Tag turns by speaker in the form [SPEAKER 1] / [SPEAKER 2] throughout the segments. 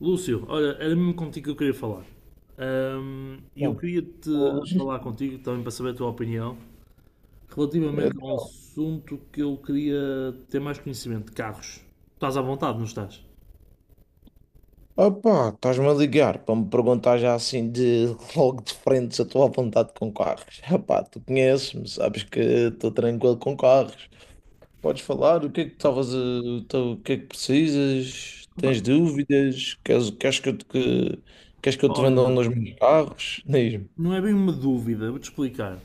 [SPEAKER 1] Lúcio, olha, era mesmo contigo que eu queria falar. E eu
[SPEAKER 2] Não,
[SPEAKER 1] queria te
[SPEAKER 2] hoje.
[SPEAKER 1] falar contigo também para saber a tua opinião
[SPEAKER 2] Eh,
[SPEAKER 1] relativamente a um assunto que eu queria ter mais conhecimento de carros. Estás à vontade, não estás?
[SPEAKER 2] Opá, estás-me a ligar para me perguntar já assim de logo de frente se eu estou à vontade com carros. Opá, tu conheces-me, sabes que estou tranquilo com carros. Podes falar, o que é que o que é que precisas?
[SPEAKER 1] Opa,
[SPEAKER 2] Tens dúvidas? Queres que eu queres que eu te venda um
[SPEAKER 1] olha,
[SPEAKER 2] dos meus carros? Diz-me.
[SPEAKER 1] não é bem uma dúvida, vou-te explicar.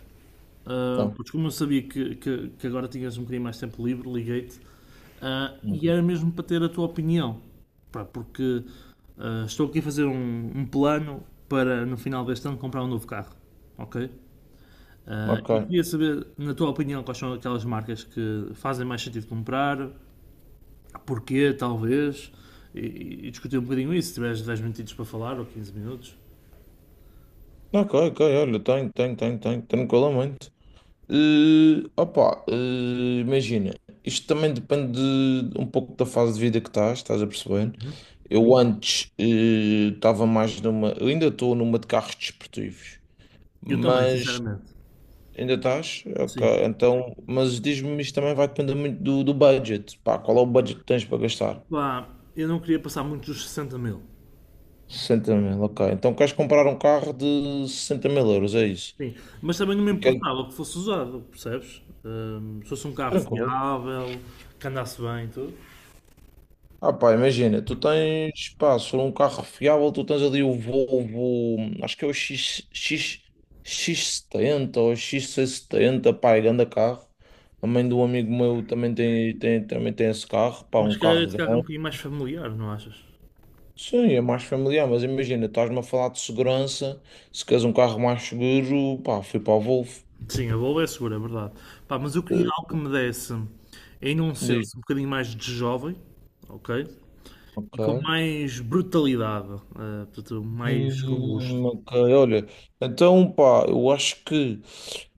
[SPEAKER 1] Ah,
[SPEAKER 2] Então,
[SPEAKER 1] pois como eu sabia que, que agora tinhas um bocadinho mais tempo livre, liguei-te. Ah, e era
[SPEAKER 2] ok.
[SPEAKER 1] mesmo para ter a tua opinião. Pá, porque estou aqui a fazer um plano para no final deste ano comprar um novo carro. Ok? Ah,
[SPEAKER 2] Ok,
[SPEAKER 1] e queria saber, na tua opinião, quais são aquelas marcas que fazem mais sentido comprar, porquê, talvez, e, e discutir um bocadinho isso, se tiveres 10 minutinhos para falar ou 15 minutos.
[SPEAKER 2] ok, ok, olha, tenho, tenho, tenho, tenho, tranquilamente. Opa, imagina, isto também depende um pouco da fase de vida que estás a perceber? Eu antes estava mais numa, eu ainda estou numa de carros desportivos,
[SPEAKER 1] Eu também,
[SPEAKER 2] mas
[SPEAKER 1] sinceramente.
[SPEAKER 2] ainda estás? Ok,
[SPEAKER 1] Sim.
[SPEAKER 2] então, mas diz-me, isto também vai depender muito do budget, pá, qual é o budget que tens para gastar?
[SPEAKER 1] Pá, eu não queria passar muito dos 60 mil.
[SPEAKER 2] 60 mil, ok, então queres comprar um carro de 60 mil euros, é isso?
[SPEAKER 1] Sim, mas também não me
[SPEAKER 2] E quer-
[SPEAKER 1] importava que fosse usado, percebes? Se fosse um carro
[SPEAKER 2] Tranquilo.
[SPEAKER 1] fiável, que andasse bem e tudo.
[SPEAKER 2] Ah pá, imagina, tu tens, pá, se for um carro fiável, tu tens ali o Volvo, acho que é o X70 ou X670, pá, é grande carro. A mãe do amigo meu também também tem esse carro, pá,
[SPEAKER 1] Mas
[SPEAKER 2] um
[SPEAKER 1] se calhar
[SPEAKER 2] carro
[SPEAKER 1] esse carro é um
[SPEAKER 2] grande.
[SPEAKER 1] bocadinho mais familiar, não achas?
[SPEAKER 2] Sim, é mais familiar, mas imagina, estás-me a falar de segurança, se queres um carro mais seguro, pá, fui para o Volvo.
[SPEAKER 1] Sim, a Volvo é segura, é verdade. Pá, mas eu queria
[SPEAKER 2] Eh,
[SPEAKER 1] algo que me desse ainda um
[SPEAKER 2] Diz,
[SPEAKER 1] senso um bocadinho mais de jovem, ok? E com
[SPEAKER 2] ok.
[SPEAKER 1] mais brutalidade, portanto, mais robusto.
[SPEAKER 2] Ok, olha, então pá, eu acho que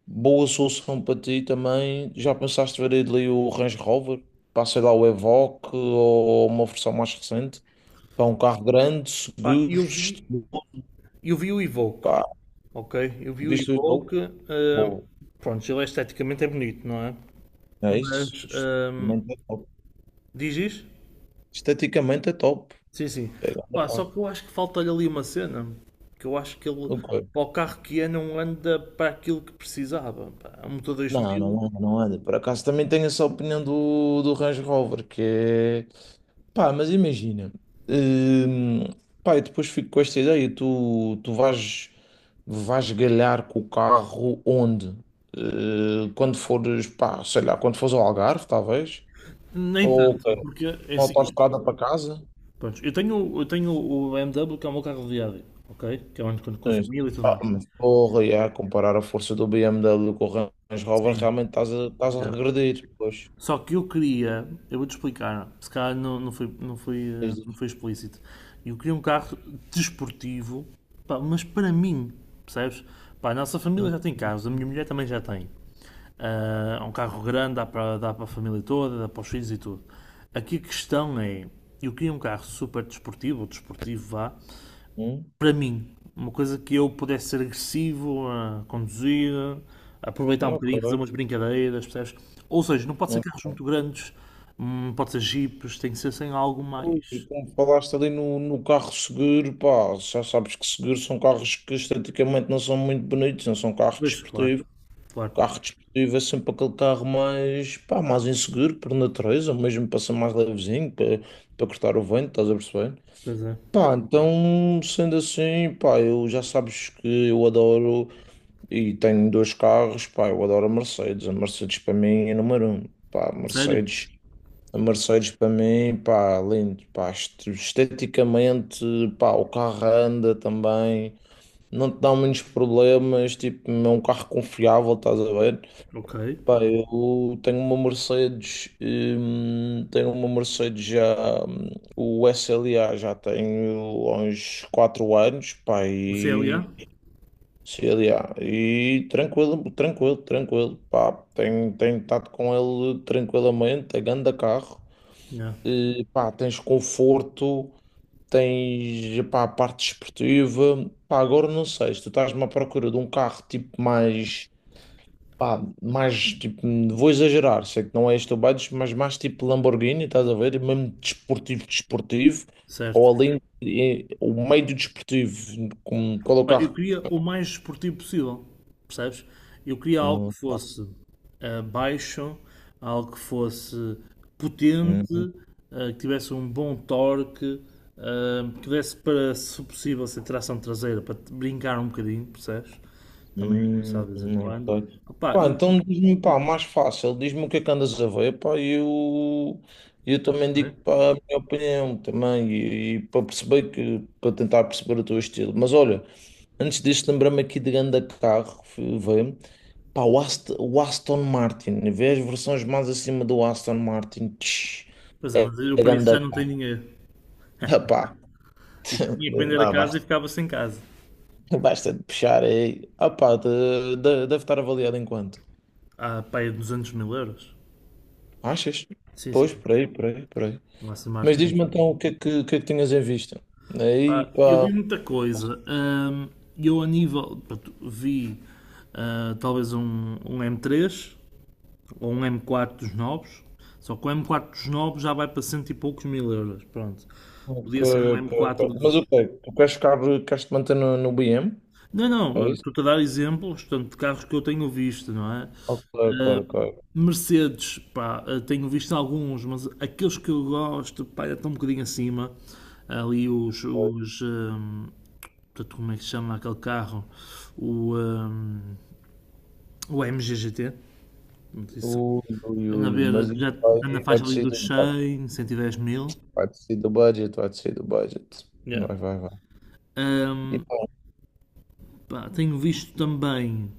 [SPEAKER 2] boa solução para ti também. Já pensaste ver ali o Range Rover? Para sei lá, o Evoque ou uma versão mais recente? Para um carro grande,
[SPEAKER 1] Pá,
[SPEAKER 2] seguro, estiloso,
[SPEAKER 1] eu vi o Evoque,
[SPEAKER 2] pá,
[SPEAKER 1] ok? Eu vi o
[SPEAKER 2] visto e louco.
[SPEAKER 1] Evoque, eh,
[SPEAKER 2] Boa,
[SPEAKER 1] pronto, ele esteticamente é bonito, não é?
[SPEAKER 2] é isso.
[SPEAKER 1] Mas,
[SPEAKER 2] Esteticamente é top.
[SPEAKER 1] diz isso?
[SPEAKER 2] Esteticamente é top.
[SPEAKER 1] Sim, sim.
[SPEAKER 2] É
[SPEAKER 1] Pá,
[SPEAKER 2] grande
[SPEAKER 1] só
[SPEAKER 2] carro.
[SPEAKER 1] que eu acho que falta-lhe ali uma cena. Que eu acho que ele,
[SPEAKER 2] Ok.
[SPEAKER 1] para o carro que é, não anda para aquilo que precisava. Pá, um motor
[SPEAKER 2] Não,
[SPEAKER 1] 2000,
[SPEAKER 2] não anda, não anda. Por acaso também tenho essa opinião do Range Rover, que é. Pá, mas imagina. hum, Pá, eu depois fico com esta ideia. Tu vais galhar com o carro onde? Quando fores, pá, sei lá, quando fores ao Algarve, talvez?
[SPEAKER 1] nem
[SPEAKER 2] Ou
[SPEAKER 1] tanto, porque é
[SPEAKER 2] na
[SPEAKER 1] assim.
[SPEAKER 2] autoestrada para casa?
[SPEAKER 1] Pronto, eu tenho o BMW, que é o meu carro de viagem, ok? Que é onde quando com a
[SPEAKER 2] Sim.
[SPEAKER 1] família e tudo
[SPEAKER 2] Ah,
[SPEAKER 1] mais.
[SPEAKER 2] mas porra, e a comparar a força do B M W com o Range Rover,
[SPEAKER 1] Sim.
[SPEAKER 2] realmente estás a
[SPEAKER 1] Já.
[SPEAKER 2] regredir. Pois.
[SPEAKER 1] Só que eu queria, eu vou-te explicar, se calhar não, não, foi, não, foi, não foi explícito. Eu queria um carro desportivo, pá, mas para mim, percebes? Pá, a nossa família
[SPEAKER 2] Hum,
[SPEAKER 1] já tem carros, a minha mulher também já tem. Ah, é um carro grande, dá para, dá para a família toda, dá para os filhos e tudo. Aqui a questão é, eu queria um carro super desportivo, ou desportivo vá,
[SPEAKER 2] hum,
[SPEAKER 1] para mim, uma coisa que eu pudesse ser agressivo a conduzir, a aproveitar um bocadinho, fazer
[SPEAKER 2] ok.
[SPEAKER 1] umas brincadeiras, percebes? Ou seja, não pode ser
[SPEAKER 2] Mas,
[SPEAKER 1] carros muito grandes, pode ser jipes, tem que ser sem algo
[SPEAKER 2] pô, e
[SPEAKER 1] mais.
[SPEAKER 2] como falaste ali no carro seguro, pá, já sabes que seguros são carros que esteticamente não são muito bonitos, não são carros
[SPEAKER 1] Pois, claro,
[SPEAKER 2] desportivos.
[SPEAKER 1] claro,
[SPEAKER 2] Carro desportivo é sempre aquele carro mais, pá, mais inseguro por natureza, mesmo para ser mais levezinho, para cortar o vento, estás a perceber?
[SPEAKER 1] pois é.
[SPEAKER 2] Pá, então, sendo assim, pá, eu já sabes que eu adoro e tenho dois carros, pá, eu adoro a Mercedes. A Mercedes para mim é número um. Pá, a
[SPEAKER 1] Sério?
[SPEAKER 2] Mercedes. A Mercedes para mim, pá, lindo, pá, esteticamente, pá, o carro anda também, não te dá muitos problemas, tipo, é um carro confiável, estás a ver?
[SPEAKER 1] Ok.
[SPEAKER 2] Pá, eu tenho uma Mercedes já, hum, o S L A já tenho há uns 4 anos, pá,
[SPEAKER 1] O CLA?
[SPEAKER 2] e C L A e tranquilo, tranquilo, tranquilo, pá, tenho estado com ele tranquilamente, é grande carro.
[SPEAKER 1] Yeah.
[SPEAKER 2] Pá, tens conforto, tens, pá, a parte desportiva. Pá, agora não sei, se tu estás-me à procura de um carro tipo mais, pá, mais tipo, vou exagerar, sei que não é este o budget, mas mais tipo Lamborghini, estás a ver? E mesmo desportivo, desportivo, ou
[SPEAKER 1] Certo.
[SPEAKER 2] além, o meio do desportivo, como, qual é o
[SPEAKER 1] Pá, eu
[SPEAKER 2] carro?
[SPEAKER 1] queria o mais esportivo possível, percebes? Eu queria algo que fosse baixo, algo que fosse potente,
[SPEAKER 2] Hum,
[SPEAKER 1] que tivesse um bom torque, que desse para, se possível, ser tração traseira, para te brincar um bocadinho, percebes? Também,
[SPEAKER 2] Hum,
[SPEAKER 1] sabes, de vez em
[SPEAKER 2] não
[SPEAKER 1] quando.
[SPEAKER 2] sei.
[SPEAKER 1] Opá, e,
[SPEAKER 2] Pá,
[SPEAKER 1] e-
[SPEAKER 2] então diz-me, pá, mais fácil, diz-me o que é que andas a ver, pá, e eu também
[SPEAKER 1] não é?
[SPEAKER 2] digo pá, a minha opinião também, e para perceber que, para tentar perceber o teu estilo. Mas olha, antes disso, lembrei-me aqui de grande carro, fui ver, pá, o Aston Martin, vê as versões mais acima do Aston Martin, tch,
[SPEAKER 1] Pois é, mas eu
[SPEAKER 2] é
[SPEAKER 1] para isso
[SPEAKER 2] grande
[SPEAKER 1] já não tenho dinheiro.
[SPEAKER 2] carro, pá,
[SPEAKER 1] E tinha que vender a
[SPEAKER 2] pá,
[SPEAKER 1] casa e
[SPEAKER 2] basta,
[SPEAKER 1] ficava sem casa.
[SPEAKER 2] basta de puxar aí, ah, pá, deve estar avaliado enquanto.
[SPEAKER 1] Ah, pá, é 200 mil euros.
[SPEAKER 2] Achas?
[SPEAKER 1] Sim, sim,
[SPEAKER 2] Pois, por aí, por aí, por aí.
[SPEAKER 1] não há smart
[SPEAKER 2] Mas
[SPEAKER 1] nenhum.
[SPEAKER 2] diz-me então o que é que, o que é que tinhas em vista? Aí,
[SPEAKER 1] Pá, eu vi
[SPEAKER 2] pá,
[SPEAKER 1] muita coisa. Eu, a nível. Pronto, vi talvez um, m três ou um m quatro dos novos. Só que o m quatro dos novos já vai para cento e poucos mil euros. Pronto.
[SPEAKER 2] ok,
[SPEAKER 1] Podia ser um m
[SPEAKER 2] ok, ok.
[SPEAKER 1] quatro
[SPEAKER 2] Mas
[SPEAKER 1] dos.
[SPEAKER 2] o quê? Queres te manter no BM?
[SPEAKER 1] Não,
[SPEAKER 2] É
[SPEAKER 1] não,
[SPEAKER 2] isso?
[SPEAKER 1] estou-te a dar exemplos, portanto, de carros que eu tenho visto, não é?
[SPEAKER 2] Ok, ok,
[SPEAKER 1] Ah,
[SPEAKER 2] ok.
[SPEAKER 1] Mercedes, pá, tenho visto alguns, mas aqueles que eu gosto, pá, já estão um bocadinho acima. Ali
[SPEAKER 2] Ok.
[SPEAKER 1] os, portanto, como é que se chama aquele carro? O, um, o MGGT.
[SPEAKER 2] Ui, ui,
[SPEAKER 1] Anda a
[SPEAKER 2] ui,
[SPEAKER 1] ver,
[SPEAKER 2] mas isso
[SPEAKER 1] já na
[SPEAKER 2] aí vai
[SPEAKER 1] faixa ali
[SPEAKER 2] descer do
[SPEAKER 1] dos
[SPEAKER 2] budget,
[SPEAKER 1] 100, 110 mil.
[SPEAKER 2] vai descer do budget, vai descer do budget.
[SPEAKER 1] Yeah.
[SPEAKER 2] Vai, vai, vai. E
[SPEAKER 1] Um,
[SPEAKER 2] pá,
[SPEAKER 1] pá, tenho visto também.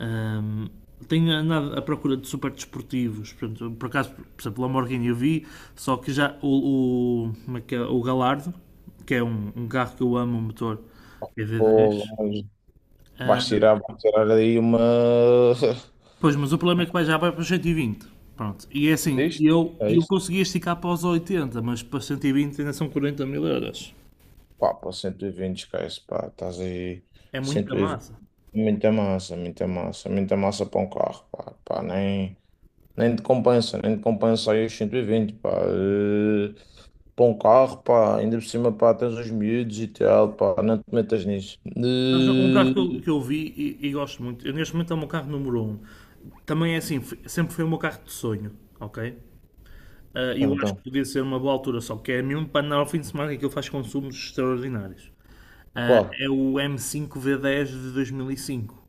[SPEAKER 1] Um, tenho andado à procura de super desportivos. Portanto, por acaso, por exemplo, o Lamborghini eu vi, só que já como é que é? O Galardo, que é um carro que eu amo, um motor
[SPEAKER 2] porra,
[SPEAKER 1] EV10,
[SPEAKER 2] mas
[SPEAKER 1] ah,
[SPEAKER 2] vais tirar aí uma.
[SPEAKER 1] pois, mas o problema é que vai já vai para os 120. Pronto. E é
[SPEAKER 2] É
[SPEAKER 1] assim,
[SPEAKER 2] isto?
[SPEAKER 1] eu,
[SPEAKER 2] É
[SPEAKER 1] eu
[SPEAKER 2] isto?
[SPEAKER 1] consegui esticar para os 80, mas para os 120 ainda são 40 mil euros.
[SPEAKER 2] Pá, para 120, esquece, pá, estás aí.
[SPEAKER 1] É muita
[SPEAKER 2] 120.
[SPEAKER 1] massa.
[SPEAKER 2] Muita massa, muita massa, muita massa para um carro, pá, pá, nem te compensa, nem te compensa aí os 120, pá, para um carro, pá, ainda por cima, pá, tens os miúdos e tal, pá, não te metas nisso.
[SPEAKER 1] Mas um carro que eu vi e, gosto muito, eu, neste momento é o meu carro número um. Também é assim, sempre foi o meu carro de sonho, ok? Ah, eu
[SPEAKER 2] Então,
[SPEAKER 1] acho que
[SPEAKER 2] então,
[SPEAKER 1] podia ser uma boa altura, só que é mesmo para andar ao fim de semana que aquilo faz consumos extraordinários. Ah,
[SPEAKER 2] qual?
[SPEAKER 1] é o M5 V10 de 2005.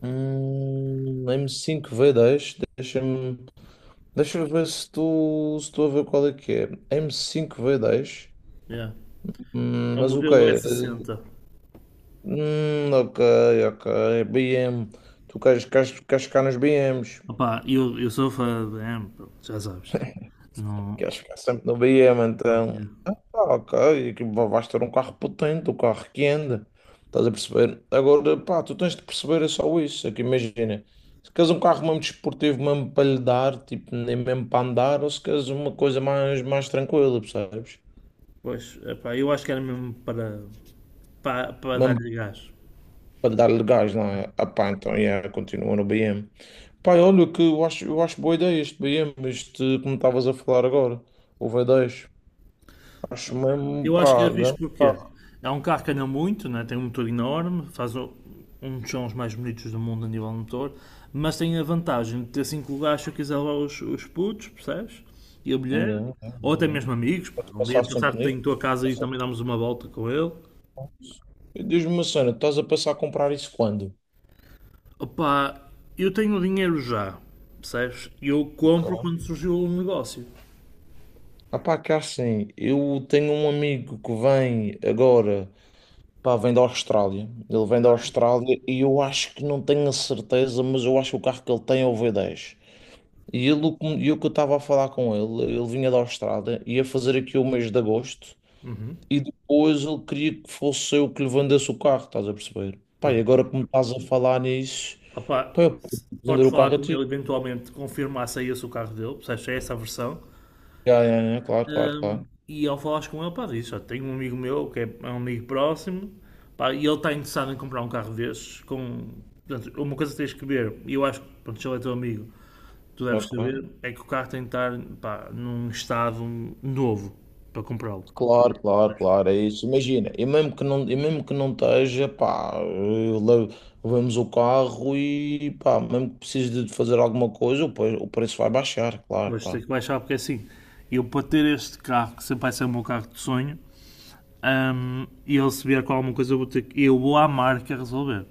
[SPEAKER 2] M5 V10, deixa-me, deixa eu ver se tu, se tu a ver qual é que é. M5 V10,
[SPEAKER 1] Yeah. É o
[SPEAKER 2] mas o que
[SPEAKER 1] modelo
[SPEAKER 2] é?
[SPEAKER 1] S60.
[SPEAKER 2] Ok, ok. BM. Queres ficar nos BMs?
[SPEAKER 1] Opá, eu sou fã de BM, pronto, já sabes. Não,
[SPEAKER 2] Queres ficar sempre no BM,
[SPEAKER 1] não
[SPEAKER 2] então.
[SPEAKER 1] tinha.
[SPEAKER 2] Ah, ok. Vais ter um carro potente, um carro que anda. Estás a perceber? Agora, pá, tu tens de perceber é só isso. É que imagina. Se queres um carro mesmo desportivo, mesmo para lhe dar, tipo, nem mesmo para andar, ou se queres uma coisa mais, mais tranquila, percebes?
[SPEAKER 1] Pois, epá, eu acho que era mesmo para, para
[SPEAKER 2] Mesmo
[SPEAKER 1] dar-lhe gás.
[SPEAKER 2] para lhe dar legais, não é? Ah, pá, então, yeah, continua no BM. Pai, olha, que eu acho boa ideia este BM, este, como estavas a falar agora, o V10. Acho mesmo,
[SPEAKER 1] Eu acho que
[SPEAKER 2] pá,
[SPEAKER 1] era fixe
[SPEAKER 2] grande
[SPEAKER 1] porque
[SPEAKER 2] carro.
[SPEAKER 1] é um carro que anda muito, né? Tem um motor enorme, faz um dos sons mais bonitos do mundo a nível de motor, mas tem a vantagem de ter cinco lugares se eu quiser levar os putos, percebes? E a mulher,
[SPEAKER 2] Yeah, yeah,
[SPEAKER 1] ou até
[SPEAKER 2] yeah.
[SPEAKER 1] mesmo amigos, pá,
[SPEAKER 2] Podes
[SPEAKER 1] um
[SPEAKER 2] passar
[SPEAKER 1] dia
[SPEAKER 2] sempre
[SPEAKER 1] passar-te em
[SPEAKER 2] nisto.
[SPEAKER 1] tua
[SPEAKER 2] Podes
[SPEAKER 1] casa
[SPEAKER 2] passar
[SPEAKER 1] e
[SPEAKER 2] sempre
[SPEAKER 1] também damos uma volta com ele.
[SPEAKER 2] lá. E diz-me uma cena, estás a passar a comprar isso quando?
[SPEAKER 1] Opa, eu tenho o dinheiro já, percebes? E eu compro
[SPEAKER 2] Ok.
[SPEAKER 1] quando surgiu o negócio.
[SPEAKER 2] Ah, pá, que é assim, eu tenho um amigo que vem agora, pá, vem da Austrália. Ele vem da Austrália e eu acho que não tenho a certeza, mas eu acho que o carro que ele tem é o V10. E ele, e o que eu estava a falar com ele, ele vinha da Austrália, ia fazer aqui o mês de agosto e depois ele queria que fosse eu que lhe vendesse o carro, estás a perceber? Pá, e agora que me estás a falar nisso,
[SPEAKER 1] Opa,
[SPEAKER 2] pá, eu posso vender
[SPEAKER 1] podes
[SPEAKER 2] o
[SPEAKER 1] falar
[SPEAKER 2] carro a
[SPEAKER 1] com
[SPEAKER 2] ti.
[SPEAKER 1] ele eventualmente, confirmar se é esse o carro dele, percebes? Se é essa a versão.
[SPEAKER 2] Já, já, já, claro, claro, claro.
[SPEAKER 1] E ao falares com ele, pá, diz, "Olha, tenho um amigo meu que é um amigo próximo, pá, e ele está interessado em comprar um carro destes, com... Portanto, uma coisa que tens que ver, e eu acho que, pronto, se ele é teu amigo, tu deves
[SPEAKER 2] Claro, claro,
[SPEAKER 1] saber, é que o carro tem de estar, pá, num estado novo para comprá-lo.
[SPEAKER 2] claro, claro, claro, é isso. Imagina, e mesmo que não, e mesmo que não esteja, pá, levamos o carro e, pá, mesmo que precise de fazer alguma coisa, o preço vai baixar, claro,
[SPEAKER 1] Hoje tenho
[SPEAKER 2] pá.
[SPEAKER 1] que baixar porque é assim, eu para ter este carro, que sempre vai ser o meu carro de sonho, e ele se vier com alguma coisa, eu vou, eu vou à marca resolver,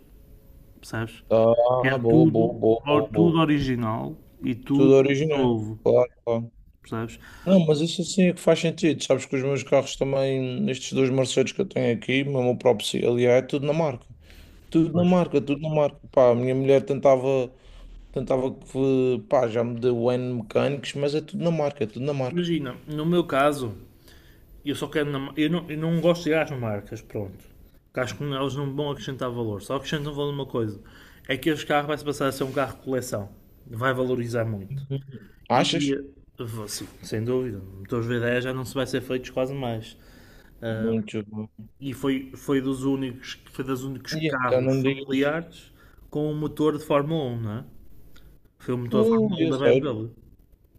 [SPEAKER 1] percebes?
[SPEAKER 2] Ah,
[SPEAKER 1] Quero
[SPEAKER 2] boa, boa,
[SPEAKER 1] tudo,
[SPEAKER 2] boa, boa, boa.
[SPEAKER 1] tudo original e
[SPEAKER 2] Tudo
[SPEAKER 1] tudo
[SPEAKER 2] original,
[SPEAKER 1] novo,
[SPEAKER 2] claro, claro.
[SPEAKER 1] percebes?
[SPEAKER 2] Não, mas isso assim é que faz sentido. Sabes que os meus carros também, estes dois Mercedes que eu tenho aqui, mesmo o próprio aliás, é tudo na marca. Tudo na
[SPEAKER 1] Pois.
[SPEAKER 2] marca, tudo na marca. Pá, a minha mulher tentava que, pá, já me deu N mecânicos, mas é tudo na marca, é tudo na marca.
[SPEAKER 1] Imagina, no meu caso, eu só quero. Na eu não gosto de ir às marcas, pronto. Porque acho que elas não vão acrescentar valor. Só acrescentam valor uma coisa: é que este carro vai se passar a ser um carro de coleção. Vai valorizar muito.
[SPEAKER 2] Uhum.
[SPEAKER 1] E
[SPEAKER 2] Achas?
[SPEAKER 1] sim, sem dúvida, motores V10 já não se vai ser feitos quase mais.
[SPEAKER 2] Muito bom.
[SPEAKER 1] E foi dos únicos
[SPEAKER 2] E então
[SPEAKER 1] carros
[SPEAKER 2] não digas.
[SPEAKER 1] familiares com um motor de Fórmula 1, não é? Foi o motor de Fórmula 1
[SPEAKER 2] Eu
[SPEAKER 1] da
[SPEAKER 2] sei.
[SPEAKER 1] BMW.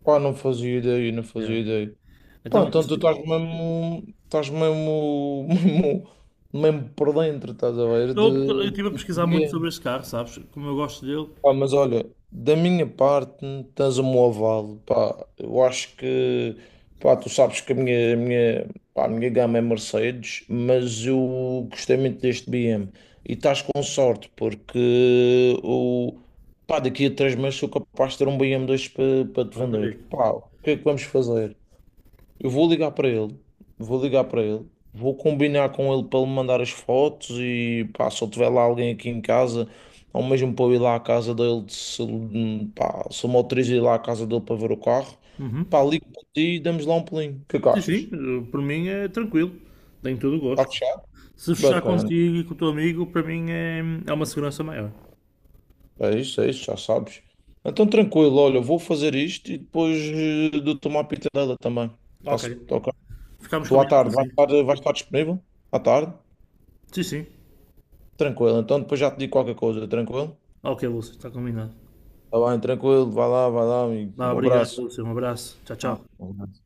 [SPEAKER 2] Pá, não fazia ideia, não
[SPEAKER 1] Yeah.
[SPEAKER 2] fazia ideia. Pô,
[SPEAKER 1] Então,
[SPEAKER 2] então tu
[SPEAKER 1] sim.
[SPEAKER 2] estás mesmo, mesmo, mesmo por dentro, estás a ver?
[SPEAKER 1] Então, porque eu estive a
[SPEAKER 2] De
[SPEAKER 1] pesquisar muito sobre
[SPEAKER 2] clientes.
[SPEAKER 1] este carro, sabes? Como eu gosto dele.
[SPEAKER 2] Pá, mas olha, da minha parte, tens o meu aval, pá. Eu acho que, pá, tu sabes que a minha, a minha gama é Mercedes, mas eu gostei muito deste BM. E estás com sorte, porque o, pá, daqui a 3 meses sou capaz de ter um BM2 para te
[SPEAKER 1] Pronto,
[SPEAKER 2] vender.
[SPEAKER 1] amigo.
[SPEAKER 2] Pá, o que é que vamos fazer? Eu vou ligar para ele, vou ligar para ele, vou combinar com ele para ele mandar as fotos e pá, se eu tiver lá alguém aqui em casa, ou mesmo para eu ir lá à casa dele, se, ele, pá, se eu me autorizo a ir lá à casa dele para ver o carro,
[SPEAKER 1] Uhum.
[SPEAKER 2] pá, ligo para ti e damos lá um pulinho. O que é que
[SPEAKER 1] Sim, sim,
[SPEAKER 2] achas?
[SPEAKER 1] por mim é tranquilo. Tenho todo o
[SPEAKER 2] Está
[SPEAKER 1] gosto.
[SPEAKER 2] fechado?
[SPEAKER 1] Se fechar
[SPEAKER 2] Bacana.
[SPEAKER 1] contigo e com o teu amigo, para mim é uma segurança maior.
[SPEAKER 2] É isso, já sabes. Então tranquilo, olha, eu vou fazer isto e depois dou-te uma pitadela também.
[SPEAKER 1] Ok.
[SPEAKER 2] Tá-se, ok?
[SPEAKER 1] Ficamos
[SPEAKER 2] Tu à
[SPEAKER 1] combinados
[SPEAKER 2] tarde
[SPEAKER 1] assim.
[SPEAKER 2] vais estar disponível? À tarde?
[SPEAKER 1] Sim, sim.
[SPEAKER 2] Tranquilo, então depois já te digo qualquer coisa, tranquilo?
[SPEAKER 1] Ok, Lúcio, está combinado.
[SPEAKER 2] Tá bem, tranquilo, vai lá, amigo.
[SPEAKER 1] Vá,
[SPEAKER 2] Um
[SPEAKER 1] obrigado,
[SPEAKER 2] abraço.
[SPEAKER 1] Lúcio. Um abraço. Tchau,
[SPEAKER 2] Ah,
[SPEAKER 1] tchau.
[SPEAKER 2] um abraço.